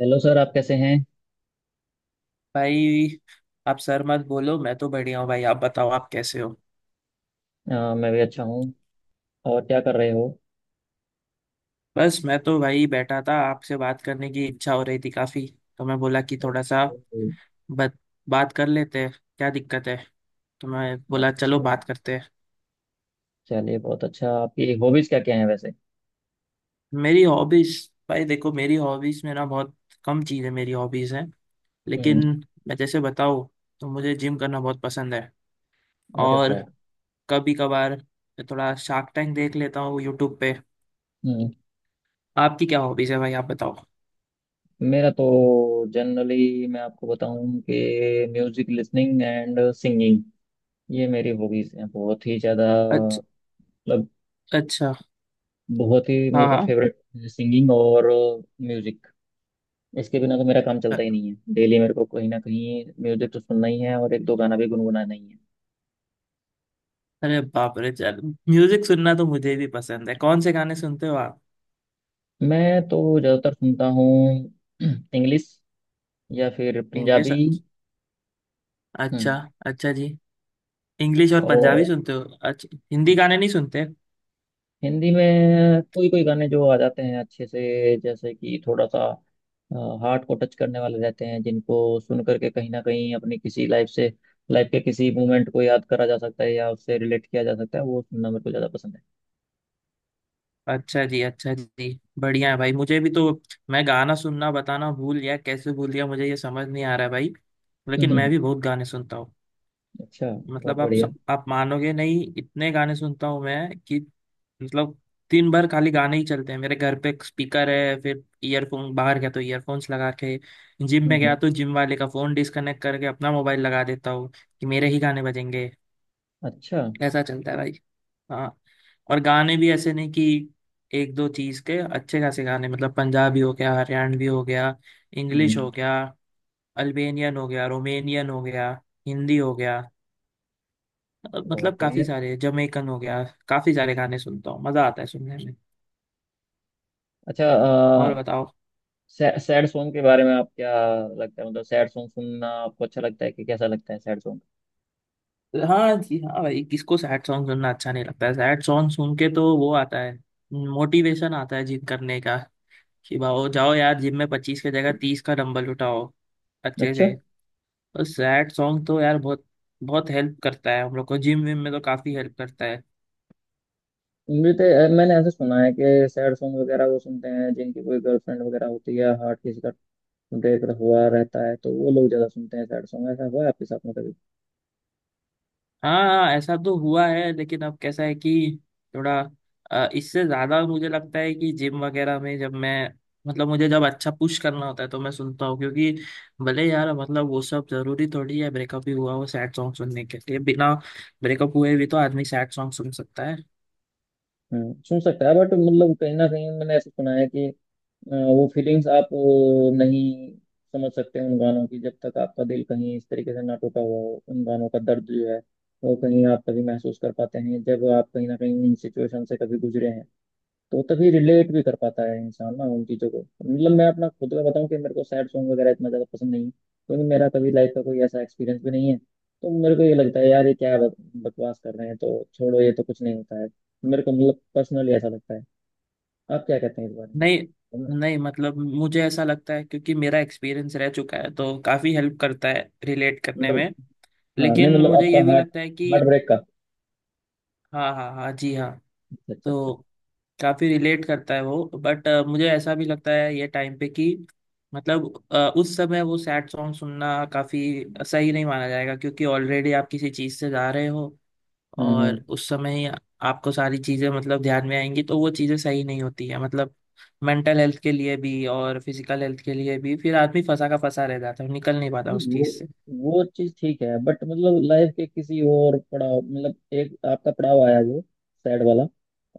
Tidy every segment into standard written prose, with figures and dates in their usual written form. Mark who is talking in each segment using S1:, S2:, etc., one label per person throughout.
S1: Hello sir, आप कैसे हैं।
S2: भाई आप सर मत बोलो। मैं तो बढ़िया हूँ भाई, आप बताओ, आप कैसे हो।
S1: मैं भी अच्छा हूँ। और क्या कर रहे हो।
S2: बस मैं तो भाई बैठा था, आपसे बात करने की इच्छा हो रही थी काफी, तो मैं बोला कि थोड़ा सा
S1: ओके।
S2: बत, बात कर लेते हैं, क्या दिक्कत है, तो मैं बोला चलो
S1: अच्छा।
S2: बात करते हैं।
S1: चलिए, बहुत अच्छा। आपकी हॉबीज क्या क्या हैं वैसे।
S2: मेरी हॉबीज। भाई देखो, मेरी हॉबीज में ना बहुत कम चीज़ें मेरी हॉबीज हैं, लेकिन
S1: हम्म।
S2: मैं जैसे बताऊँ, तो मुझे जिम करना बहुत पसंद है।
S1: अरे
S2: और
S1: वाह।
S2: कभी कभार थोड़ा शार्क टैंक देख लेता हूँ यूट्यूब पे।
S1: हम्म।
S2: आपकी क्या हॉबीज है भाई, आप बताओ।
S1: मेरा तो जनरली मैं आपको बताऊं कि म्यूजिक लिसनिंग एंड सिंगिंग, ये मेरी हॉबीज हैं बहुत ही ज़्यादा। मतलब
S2: अच्छा।
S1: बहुत ही
S2: हाँ
S1: मेरे को
S2: हाँ।
S1: फेवरेट सिंगिंग और म्यूजिक। इसके बिना तो मेरा काम
S2: अ-
S1: चलता ही नहीं है। डेली मेरे को कहीं ना कहीं म्यूजिक तो सुनना ही है और एक दो गाना भी गुनगुनाना ही है।
S2: अरे बाप रे चल। म्यूजिक सुनना तो मुझे भी पसंद है, कौन से गाने सुनते हो आप।
S1: मैं तो ज़्यादातर सुनता हूँ इंग्लिश या फिर
S2: इंग्लिश।
S1: पंजाबी। हम्म,
S2: अच्छा। अच्छा जी, इंग्लिश और पंजाबी
S1: और
S2: सुनते हो। अच्छा, हिंदी गाने नहीं सुनते।
S1: हिंदी में कोई कोई गाने जो आ जाते हैं अच्छे से, जैसे कि थोड़ा सा हार्ट को टच करने वाले रहते हैं, जिनको सुन करके कहीं ना कहीं अपनी किसी लाइफ से लाइफ के किसी मोमेंट को याद करा जा सकता है या उससे रिलेट किया जा सकता है। वो सुनना मेरे को ज़्यादा पसंद
S2: अच्छा जी अच्छा जी, बढ़िया है भाई। मुझे भी तो मैं गाना सुनना बताना भूल गया, कैसे भूल गया मुझे ये समझ नहीं आ रहा है भाई।
S1: है।
S2: लेकिन मैं भी बहुत गाने सुनता हूँ।
S1: अच्छा। बहुत
S2: मतलब आप
S1: बढ़िया।
S2: आप मानोगे नहीं, इतने गाने सुनता हूँ मैं कि मतलब दिन भर खाली गाने ही चलते हैं मेरे। घर पे स्पीकर है, फिर ईयरफोन, बाहर गया तो ईयरफोन्स लगा के, जिम में गया
S1: हम्म।
S2: तो जिम वाले का फोन डिस्कनेक्ट करके अपना मोबाइल लगा देता हूँ कि मेरे ही गाने बजेंगे।
S1: अच्छा।
S2: ऐसा चलता है भाई। हाँ। और गाने भी ऐसे नहीं कि एक दो चीज के, अच्छे खासे गाने, मतलब पंजाबी हो गया, हरियाणवी हो गया, इंग्लिश हो
S1: हम्म।
S2: गया, अल्बेनियन हो गया, रोमेनियन हो गया, हिंदी हो गया, मतलब
S1: बहुत
S2: काफी
S1: बढ़िया।
S2: सारे, जमैकन हो गया, काफी सारे गाने सुनता हूँ, मजा आता है सुनने में।
S1: अच्छा।
S2: और बताओ।
S1: सैड सॉन्ग के बारे में आप क्या लगता है। मतलब सैड सॉन्ग सुनना आपको अच्छा लगता है कि कैसा लगता है सैड सॉन्ग।
S2: हाँ जी हाँ भाई, किसको सैड सॉन्ग सुनना अच्छा नहीं लगता है। सैड सॉन्ग सुन के तो वो आता है, मोटिवेशन आता है जिम करने का, कि भाओ जाओ यार जिम में 25 की जगह 30 का डंबल उठाओ अच्छे
S1: अच्छा।
S2: से। और सैड सॉन्ग तो यार बहुत बहुत हेल्प करता है हम लोग को, जिम विम में तो काफी हेल्प करता है।
S1: मैंने ऐसा सुना है कि सैड सॉन्ग वगैरह वो सुनते हैं जिनकी कोई गर्लफ्रेंड वगैरह होती है, हार्ट किसी का ब्रेक हुआ रहता है, तो वो लोग ज्यादा सुनते हैं सैड सॉन्ग। ऐसा हुआ है आपके साथ में कभी।
S2: हाँ हाँ, ऐसा तो हुआ है लेकिन अब कैसा है कि थोड़ा इससे ज्यादा मुझे लगता है कि जिम वगैरह में जब मैं मतलब मुझे जब अच्छा पुश करना होता है तो मैं सुनता हूँ, क्योंकि भले यार मतलब वो सब जरूरी थोड़ी है ब्रेकअप ही हुआ हो सैड सॉन्ग सुनने के लिए, बिना ब्रेकअप हुए भी तो आदमी सैड सॉन्ग सुन सकता है।
S1: सुन सकता है, बट मतलब कहीं ना कहीं मैंने ऐसा सुना है कि वो फीलिंग्स आप नहीं समझ सकते उन गानों की, जब तक आपका दिल कहीं इस तरीके से ना टूटा हुआ हो। उन गानों का दर्द जो है वो कहीं आप कभी महसूस कर पाते हैं जब आप कहीं ना कहीं इन सिचुएशन से कभी गुजरे हैं। तो तभी रिलेट भी कर पाता है इंसान ना उन चीज़ों को। मतलब मैं अपना खुद का बताऊं कि मेरे को सैड सॉन्ग वगैरह इतना ज़्यादा पसंद नहीं है, क्योंकि मेरा कभी लाइफ का कोई ऐसा एक्सपीरियंस भी नहीं है। तो मेरे को ये लगता है, यार ये क्या बकवास कर रहे हैं, तो छोड़ो, ये तो कुछ नहीं होता है। मेरे को मतलब पर्सनली ऐसा लगता है। आप क्या कहते हैं इस बारे में।
S2: नहीं नहीं, मतलब मुझे ऐसा लगता है, क्योंकि मेरा एक्सपीरियंस रह चुका है तो काफी हेल्प करता है रिलेट करने
S1: मतलब,
S2: में।
S1: हाँ। नहीं
S2: लेकिन
S1: मतलब
S2: मुझे
S1: आपका
S2: ये भी
S1: हार्ट
S2: लगता है कि
S1: हार्ट ब्रेक का।
S2: हाँ हाँ हाँ जी हाँ,
S1: अच्छा, अच्छा,
S2: तो
S1: अच्छा।
S2: काफी रिलेट करता है वो, बट मुझे ऐसा भी लगता है ये टाइम पे कि मतलब उस समय वो सैड सॉन्ग सुनना काफी सही नहीं माना जाएगा, क्योंकि ऑलरेडी आप किसी चीज से जा रहे हो
S1: हम्म, हम्म।
S2: और उस समय ही आपको सारी चीजें मतलब ध्यान में आएंगी तो वो चीजें सही नहीं होती है, मतलब मेंटल हेल्थ के लिए भी और फिजिकल हेल्थ के लिए भी, फिर आदमी फंसा का फंसा रह जाता है, निकल नहीं पाता उस
S1: नहीं, वो
S2: चीज से।
S1: वो चीज ठीक है, बट मतलब लाइफ के किसी और पड़ाव, मतलब एक आपका पड़ाव आया जो सैड वाला।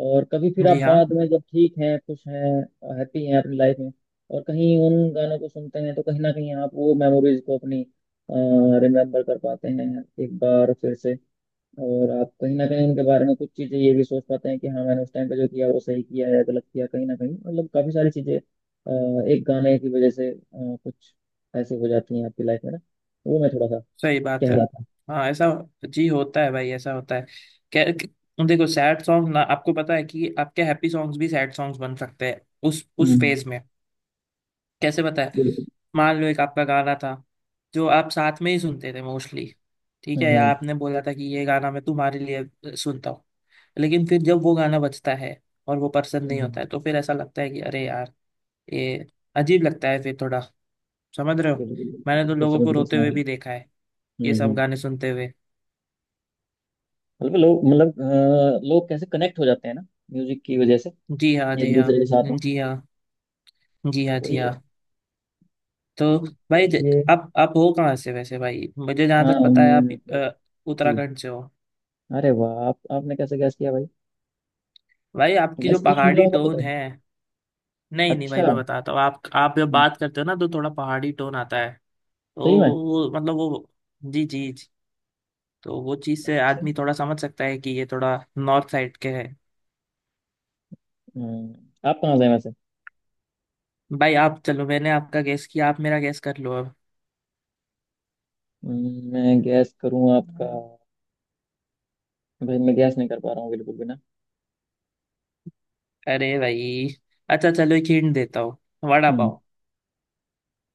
S1: और कभी फिर आप
S2: जी हाँ।
S1: बाद में जब ठीक हैं, खुश हैं, हैप्पी हैं अपनी लाइफ में, और कहीं उन गानों को सुनते हैं, तो कहीं ना कहीं आप वो मेमोरीज को अपनी रिमेम्बर कर पाते हैं एक बार फिर से। और आप कहीं ना कहीं उनके बारे में कुछ चीजें ये भी सोच पाते हैं कि हाँ, मैंने उस टाइम पे जो किया वो सही किया या गलत किया, कहीं ना कहीं। मतलब काफी सारी चीजें एक गाने की वजह से कुछ ऐसी हो जाती हैं आपकी लाइफ में ना। वो मैं थोड़ा सा
S2: सही बात
S1: कह
S2: है।
S1: रहा था।
S2: हाँ, ऐसा जी होता है भाई, ऐसा होता है। क्या क्या- देखो सैड सॉन्ग ना, आपको पता है कि आपके हैप्पी सॉन्ग्स भी सैड सॉन्ग्स बन सकते हैं उस
S1: हम्म,
S2: उस फेज में। कैसे पता है।
S1: बिल्कुल।
S2: मान लो एक आपका गाना था जो आप साथ में ही सुनते थे मोस्टली, ठीक है,
S1: हम्म,
S2: या
S1: हम्म,
S2: आपने बोला था कि ये गाना मैं तुम्हारे लिए सुनता हूँ, लेकिन फिर जब वो गाना बजता है और वो पसंद नहीं
S1: हम्म।
S2: होता है तो फिर ऐसा लगता है कि अरे यार ये अजीब लगता है फिर थोड़ा, समझ रहे हो।
S1: बिल्कुल, बिल्कुल,
S2: मैंने तो
S1: बिल्कुल,
S2: लोगों
S1: समझ
S2: को
S1: गया,
S2: रोते
S1: समझ
S2: हुए
S1: गया।
S2: भी देखा है ये
S1: हम्म,
S2: सब
S1: हम्म।
S2: गाने सुनते हुए।
S1: मतलब लोग कैसे कनेक्ट हो जाते हैं ना, म्यूजिक की वजह से,
S2: जी हाँ जी
S1: एक
S2: हाँ
S1: दूसरे के साथ में।
S2: जी हाँ जी हाँ जी
S1: वही
S2: हाँ।
S1: है।
S2: तो भाई
S1: चलिए।
S2: आप हो कहाँ से वैसे, भाई मुझे जहाँ
S1: हाँ,
S2: तक पता है आप
S1: मैं तो।
S2: अ,
S1: जी।
S2: उत्तराखंड से हो।
S1: अरे वाह, आप आपने कैसे गैस किया भाई।
S2: भाई आपकी जो
S1: गैस किया, निकला
S2: पहाड़ी
S1: होगा
S2: टोन
S1: पता है।
S2: है, नहीं नहीं
S1: अच्छा।
S2: भाई मैं
S1: हम्म।
S2: बताता हूँ, आप जब बात करते हो ना तो थोड़ा पहाड़ी टोन आता है, तो
S1: सही में।
S2: वो मतलब वो जी जी जी, तो वो चीज़ से
S1: अच्छा।
S2: आदमी थोड़ा समझ सकता है कि ये थोड़ा नॉर्थ साइड के है।
S1: हम्म। आप कहाँ से हैं वैसे।
S2: भाई आप चलो मैंने आपका गैस किया, आप मेरा गैस कर लो अब।
S1: मैं गैस करूँ आपका। हम्म। भाई मैं गैस नहीं कर पा रहा हूँ बिल्कुल भी ना।
S2: अरे भाई, अच्छा चलो एक हिंट देता हूँ, वड़ा
S1: हम्म।
S2: पाव।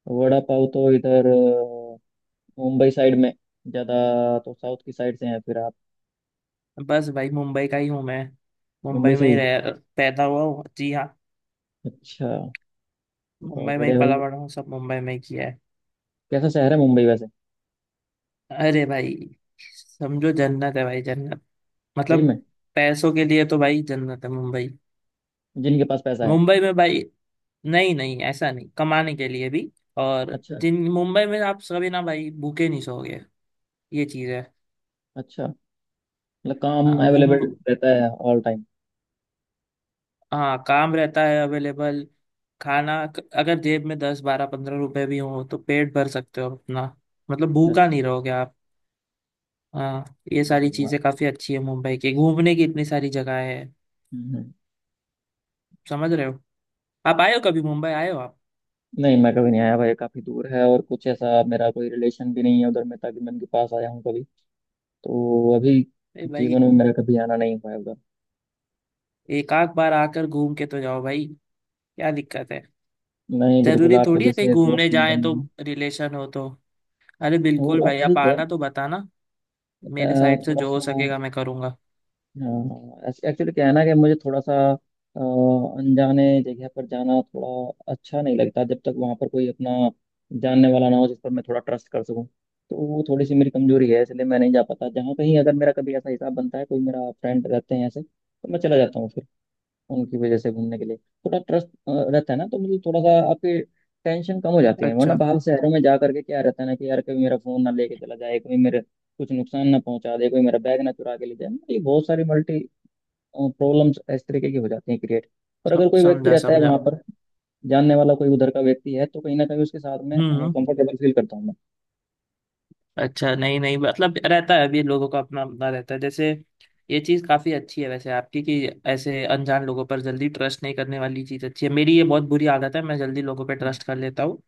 S1: वड़ा पाव तो इधर मुंबई साइड में ज़्यादा। तो साउथ की साइड से हैं फिर आप।
S2: बस भाई मुंबई का ही हूँ मैं, मुंबई
S1: मुंबई से
S2: में ही
S1: ही।
S2: रह, पैदा हुआ हूँ जी हाँ,
S1: अच्छा, बहुत
S2: मुंबई में ही
S1: बढ़िया
S2: पला
S1: भाई।
S2: बड़ा हूँ, सब मुंबई में ही किया है।
S1: कैसा शहर है मुंबई वैसे।
S2: अरे भाई, समझो जन्नत है भाई, जन्नत।
S1: सही
S2: मतलब
S1: में।
S2: पैसों के लिए तो भाई जन्नत है मुंबई,
S1: जिनके पास पैसा है।
S2: मुंबई में भाई। नहीं नहीं ऐसा नहीं, कमाने के लिए भी, और
S1: अच्छा।
S2: जिन मुंबई में आप सभी ना भाई भूखे नहीं सोओगे, ये चीज़ है।
S1: अच्छा। मतलब काम
S2: हाँ मुं-
S1: अवेलेबल रहता है ऑल टाइम।
S2: हाँ, काम रहता है अवेलेबल। खाना, अगर जेब में 10 12 15 रुपए भी हो तो पेट भर सकते हो अपना, मतलब भूखा
S1: अच्छा।
S2: नहीं रहोगे। हाँ, ये
S1: अरे
S2: सारी
S1: वाह।
S2: चीजें काफी अच्छी है मुंबई की, घूमने की इतनी सारी जगह है,
S1: हम्म,
S2: समझ रहे हो। आप आए हो कभी, मुंबई आए हो आप।
S1: नहीं, मैं कभी नहीं आया भाई, काफ़ी दूर है, और कुछ ऐसा मेरा कोई रिलेशन भी नहीं है उधर, मैं उनके पास आया हूँ कभी। तो अभी
S2: ए भाई,
S1: जीवन में मेरा कभी आना नहीं हुआ है उधर।
S2: एक आध बार आकर घूम के तो जाओ भाई, क्या दिक्कत है।
S1: नहीं, बिल्कुल,
S2: जरूरी
S1: आपके
S2: थोड़ी है कहीं
S1: जैसे दोस्त
S2: घूमने जाए
S1: मिलेंगे।
S2: तो रिलेशन हो तो। अरे
S1: वो
S2: बिल्कुल
S1: बात
S2: भाई, आप
S1: ठीक है।
S2: आना तो बताना, मेरे साइड से
S1: थोड़ा
S2: जो हो
S1: सा,
S2: सकेगा मैं करूंगा।
S1: एक्चुअली क्या है ना कि मुझे थोड़ा सा अ, अनजाने जगह पर जाना थोड़ा अच्छा नहीं लगता, जब तक वहां पर कोई अपना जानने वाला ना हो जिस पर मैं थोड़ा ट्रस्ट कर सकूं। तो वो थोड़ी सी मेरी कमजोरी है, इसलिए मैं नहीं जा पाता। जहाँ कहीं अगर मेरा कभी ऐसा हिसाब बनता है, कोई मेरा फ्रेंड रहते हैं ऐसे, तो मैं चला जाता हूँ फिर उनकी वजह से घूमने के लिए। थोड़ा ट्रस्ट रहता है ना, तो मुझे थोड़ा सा आपकी टेंशन कम हो जाती है। वरना
S2: अच्छा,
S1: बाहर शहरों में जा करके क्या रहता है ना कि यार कभी मेरा फोन ना लेके चला जाए, कभी मेरे कुछ नुकसान ना पहुंचा दे, कोई मेरा बैग ना चुरा के ले जाए। मतलब ये बहुत सारी मल्टी प्रॉब्लम्स इस तरीके की हो जाती हैं क्रिएट। और अगर कोई व्यक्ति
S2: समझा
S1: रहता है
S2: समझा।
S1: वहां पर, जानने वाला कोई उधर का व्यक्ति है, तो कहीं ना कहीं उसके साथ में
S2: हम्म।
S1: कंफर्टेबल फील करता हूँ मैं।
S2: अच्छा, नहीं नहीं मतलब रहता है, अभी लोगों का अपना अपना रहता है, जैसे ये चीज़ काफ़ी अच्छी है वैसे आपकी कि ऐसे अनजान लोगों पर जल्दी ट्रस्ट नहीं करने वाली चीज़ अच्छी है। मेरी ये बहुत बुरी आदत है, मैं जल्दी लोगों पे ट्रस्ट कर लेता हूँ,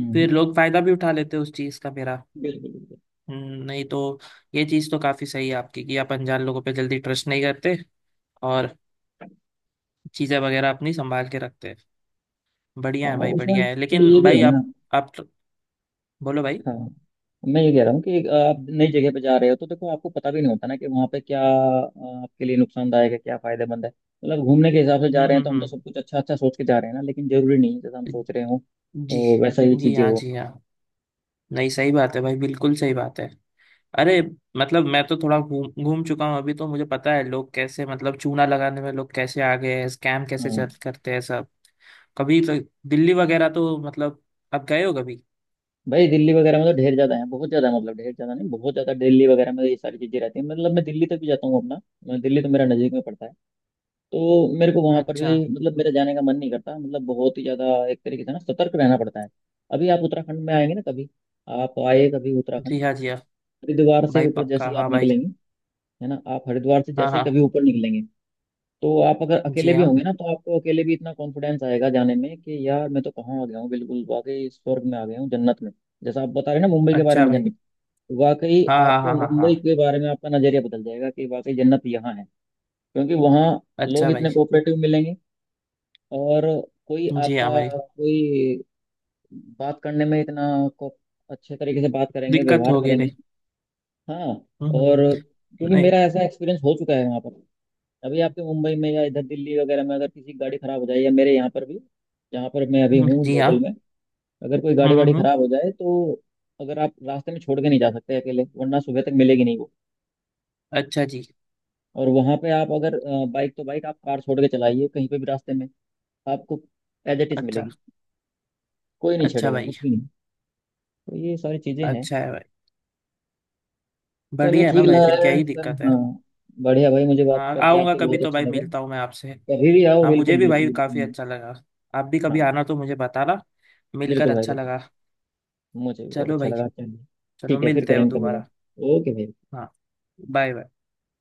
S1: हम्म,
S2: फिर लोग फायदा भी उठा लेते हैं उस चीज़ का मेरा।
S1: बिल्कुल, बिल्कुल।
S2: नहीं तो ये चीज़ तो काफ़ी सही है आपकी कि आप अनजान लोगों पे जल्दी ट्रस्ट नहीं करते और चीज़ें वगैरह अपनी संभाल के रखते हैं। बढ़िया
S1: हाँ,
S2: है भाई, बढ़िया
S1: उसमें
S2: है।
S1: फिर
S2: लेकिन
S1: ये भी
S2: भाई
S1: है ना।
S2: आप बोलो भाई।
S1: हाँ, मैं ये कह रहा हूँ कि आप नई जगह पे जा रहे हो, तो देखो आपको पता भी नहीं होता ना कि वहाँ पे क्या आपके लिए नुकसानदायक है, क्या फायदेमंद है। मतलब घूमने के हिसाब से जा
S2: हम्म
S1: रहे हैं, तो हम
S2: हम्म
S1: तो सब कुछ अच्छा अच्छा सोच के जा रहे हैं ना, लेकिन जरूरी नहीं है जैसा हम सोच रहे
S2: हम्म।
S1: हो।
S2: जी।
S1: तो वैसा ही
S2: जी
S1: चीजें
S2: हाँ जी हाँ। नहीं सही बात है भाई, बिल्कुल सही बात है। अरे, मतलब मैं तो थोड़ा घूम घूम चुका हूँ अभी, तो मुझे पता है लोग कैसे मतलब चूना लगाने में लोग कैसे आ गए हैं, स्कैम
S1: हो
S2: कैसे चल करते हैं सब। कभी तो दिल्ली वगैरह तो मतलब, आप गए हो कभी।
S1: भाई। दिल्ली वगैरह में तो ढेर ज्यादा है, बहुत ज्यादा, मतलब ढेर ज्यादा नहीं, बहुत ज्यादा। दिल्ली वगैरह में तो ये सारी चीजें रहती है। मतलब मैं दिल्ली तक भी जाता हूँ अपना। मैं दिल्ली तो मेरा नजदीक में पड़ता है, तो मेरे को वहां पर
S2: अच्छा।
S1: भी मतलब मेरा जाने का मन नहीं करता, मतलब बहुत ही ज्यादा एक तरीके से ना सतर्क रहना पड़ता है। अभी आप उत्तराखंड में आएंगे ना कभी, आप आए कभी उत्तराखंड,
S2: जी हाँ जी हाँ।
S1: हरिद्वार से
S2: भाई
S1: ऊपर जैसे
S2: पक्का
S1: ही आप
S2: हाँ भाई।
S1: निकलेंगे, है ना, आप हरिद्वार से
S2: हाँ
S1: जैसे ही
S2: हाँ।
S1: कभी ऊपर निकलेंगे, तो आप अगर
S2: जी
S1: अकेले भी
S2: हाँ।
S1: होंगे ना, तो आपको अकेले भी इतना कॉन्फिडेंस आएगा जाने में कि यार मैं तो कहाँ आ गया हूँ, बिल्कुल वाकई स्वर्ग में आ गया हूँ, जन्नत में। जैसा आप बता रहे हैं ना मुंबई के बारे
S2: अच्छा
S1: में
S2: भाई।
S1: जन्नत, वाकई।
S2: हाँ हाँ
S1: आपको
S2: हाँ हाँ
S1: मुंबई
S2: हाँ।
S1: के बारे में आपका नजरिया बदल जाएगा कि वाकई जन्नत यहाँ है, क्योंकि वहाँ
S2: अच्छा
S1: लोग
S2: भाई।
S1: इतने कोऑपरेटिव मिलेंगे, और कोई
S2: जी हाँ
S1: आपका
S2: भाई।
S1: कोई बात करने में इतना को अच्छे तरीके से बात करेंगे,
S2: दिक्कत
S1: व्यवहार
S2: होगी
S1: करेंगे।
S2: नहीं।
S1: हाँ।
S2: हम्म।
S1: और क्योंकि
S2: नहीं।
S1: मेरा ऐसा एक्सपीरियंस हो चुका है वहाँ पर। अभी आपके मुंबई में या इधर दिल्ली वगैरह में अगर किसी की गाड़ी खराब हो जाए, या मेरे यहाँ पर भी जहाँ पर मैं अभी हूँ
S2: जी हाँ।
S1: लोकल में, अगर कोई गाड़ी वाड़ी
S2: हम्म।
S1: खराब हो जाए, तो अगर आप रास्ते में छोड़ के नहीं जा सकते अकेले, वरना सुबह तक मिलेगी नहीं वो।
S2: अच्छा जी।
S1: और वहां पे आप अगर बाइक, तो बाइक आप कार छोड़ के चलाइए कहीं पे भी रास्ते में, आपको एज इट इज
S2: अच्छा।
S1: मिलेगी, कोई नहीं
S2: अच्छा
S1: छेड़ेगा,
S2: भाई।
S1: कुछ भी नहीं। तो ये सारी चीजें हैं।
S2: अच्छा है भाई,
S1: चलिए,
S2: बढ़िया है ना
S1: ठीक
S2: भाई,
S1: लगा
S2: फिर क्या ही
S1: सर,
S2: दिक्कत है।
S1: हाँ। बढ़िया भाई, मुझे बात
S2: हाँ
S1: करके
S2: आऊँगा
S1: आपसे
S2: कभी
S1: बहुत
S2: तो
S1: अच्छा
S2: भाई,
S1: लगा।
S2: मिलता हूँ मैं आपसे।
S1: कभी भी आओ,
S2: हाँ मुझे
S1: बिल्कुल,
S2: भी
S1: बिल्कुल,
S2: भाई काफ़ी
S1: बिल्कुल।
S2: अच्छा लगा, आप भी कभी
S1: हाँ,
S2: आना तो मुझे बताना, मिलकर
S1: बिल्कुल भाई,
S2: अच्छा
S1: बिल्कुल।
S2: लगा।
S1: मुझे भी बहुत
S2: चलो
S1: अच्छा
S2: भाई,
S1: लगा, चलिए।
S2: चलो
S1: ठीक है, फिर
S2: मिलते हैं
S1: करेंगे कभी बात।
S2: दोबारा।
S1: ओके भाई।
S2: हाँ, बाय बाय।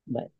S1: bye।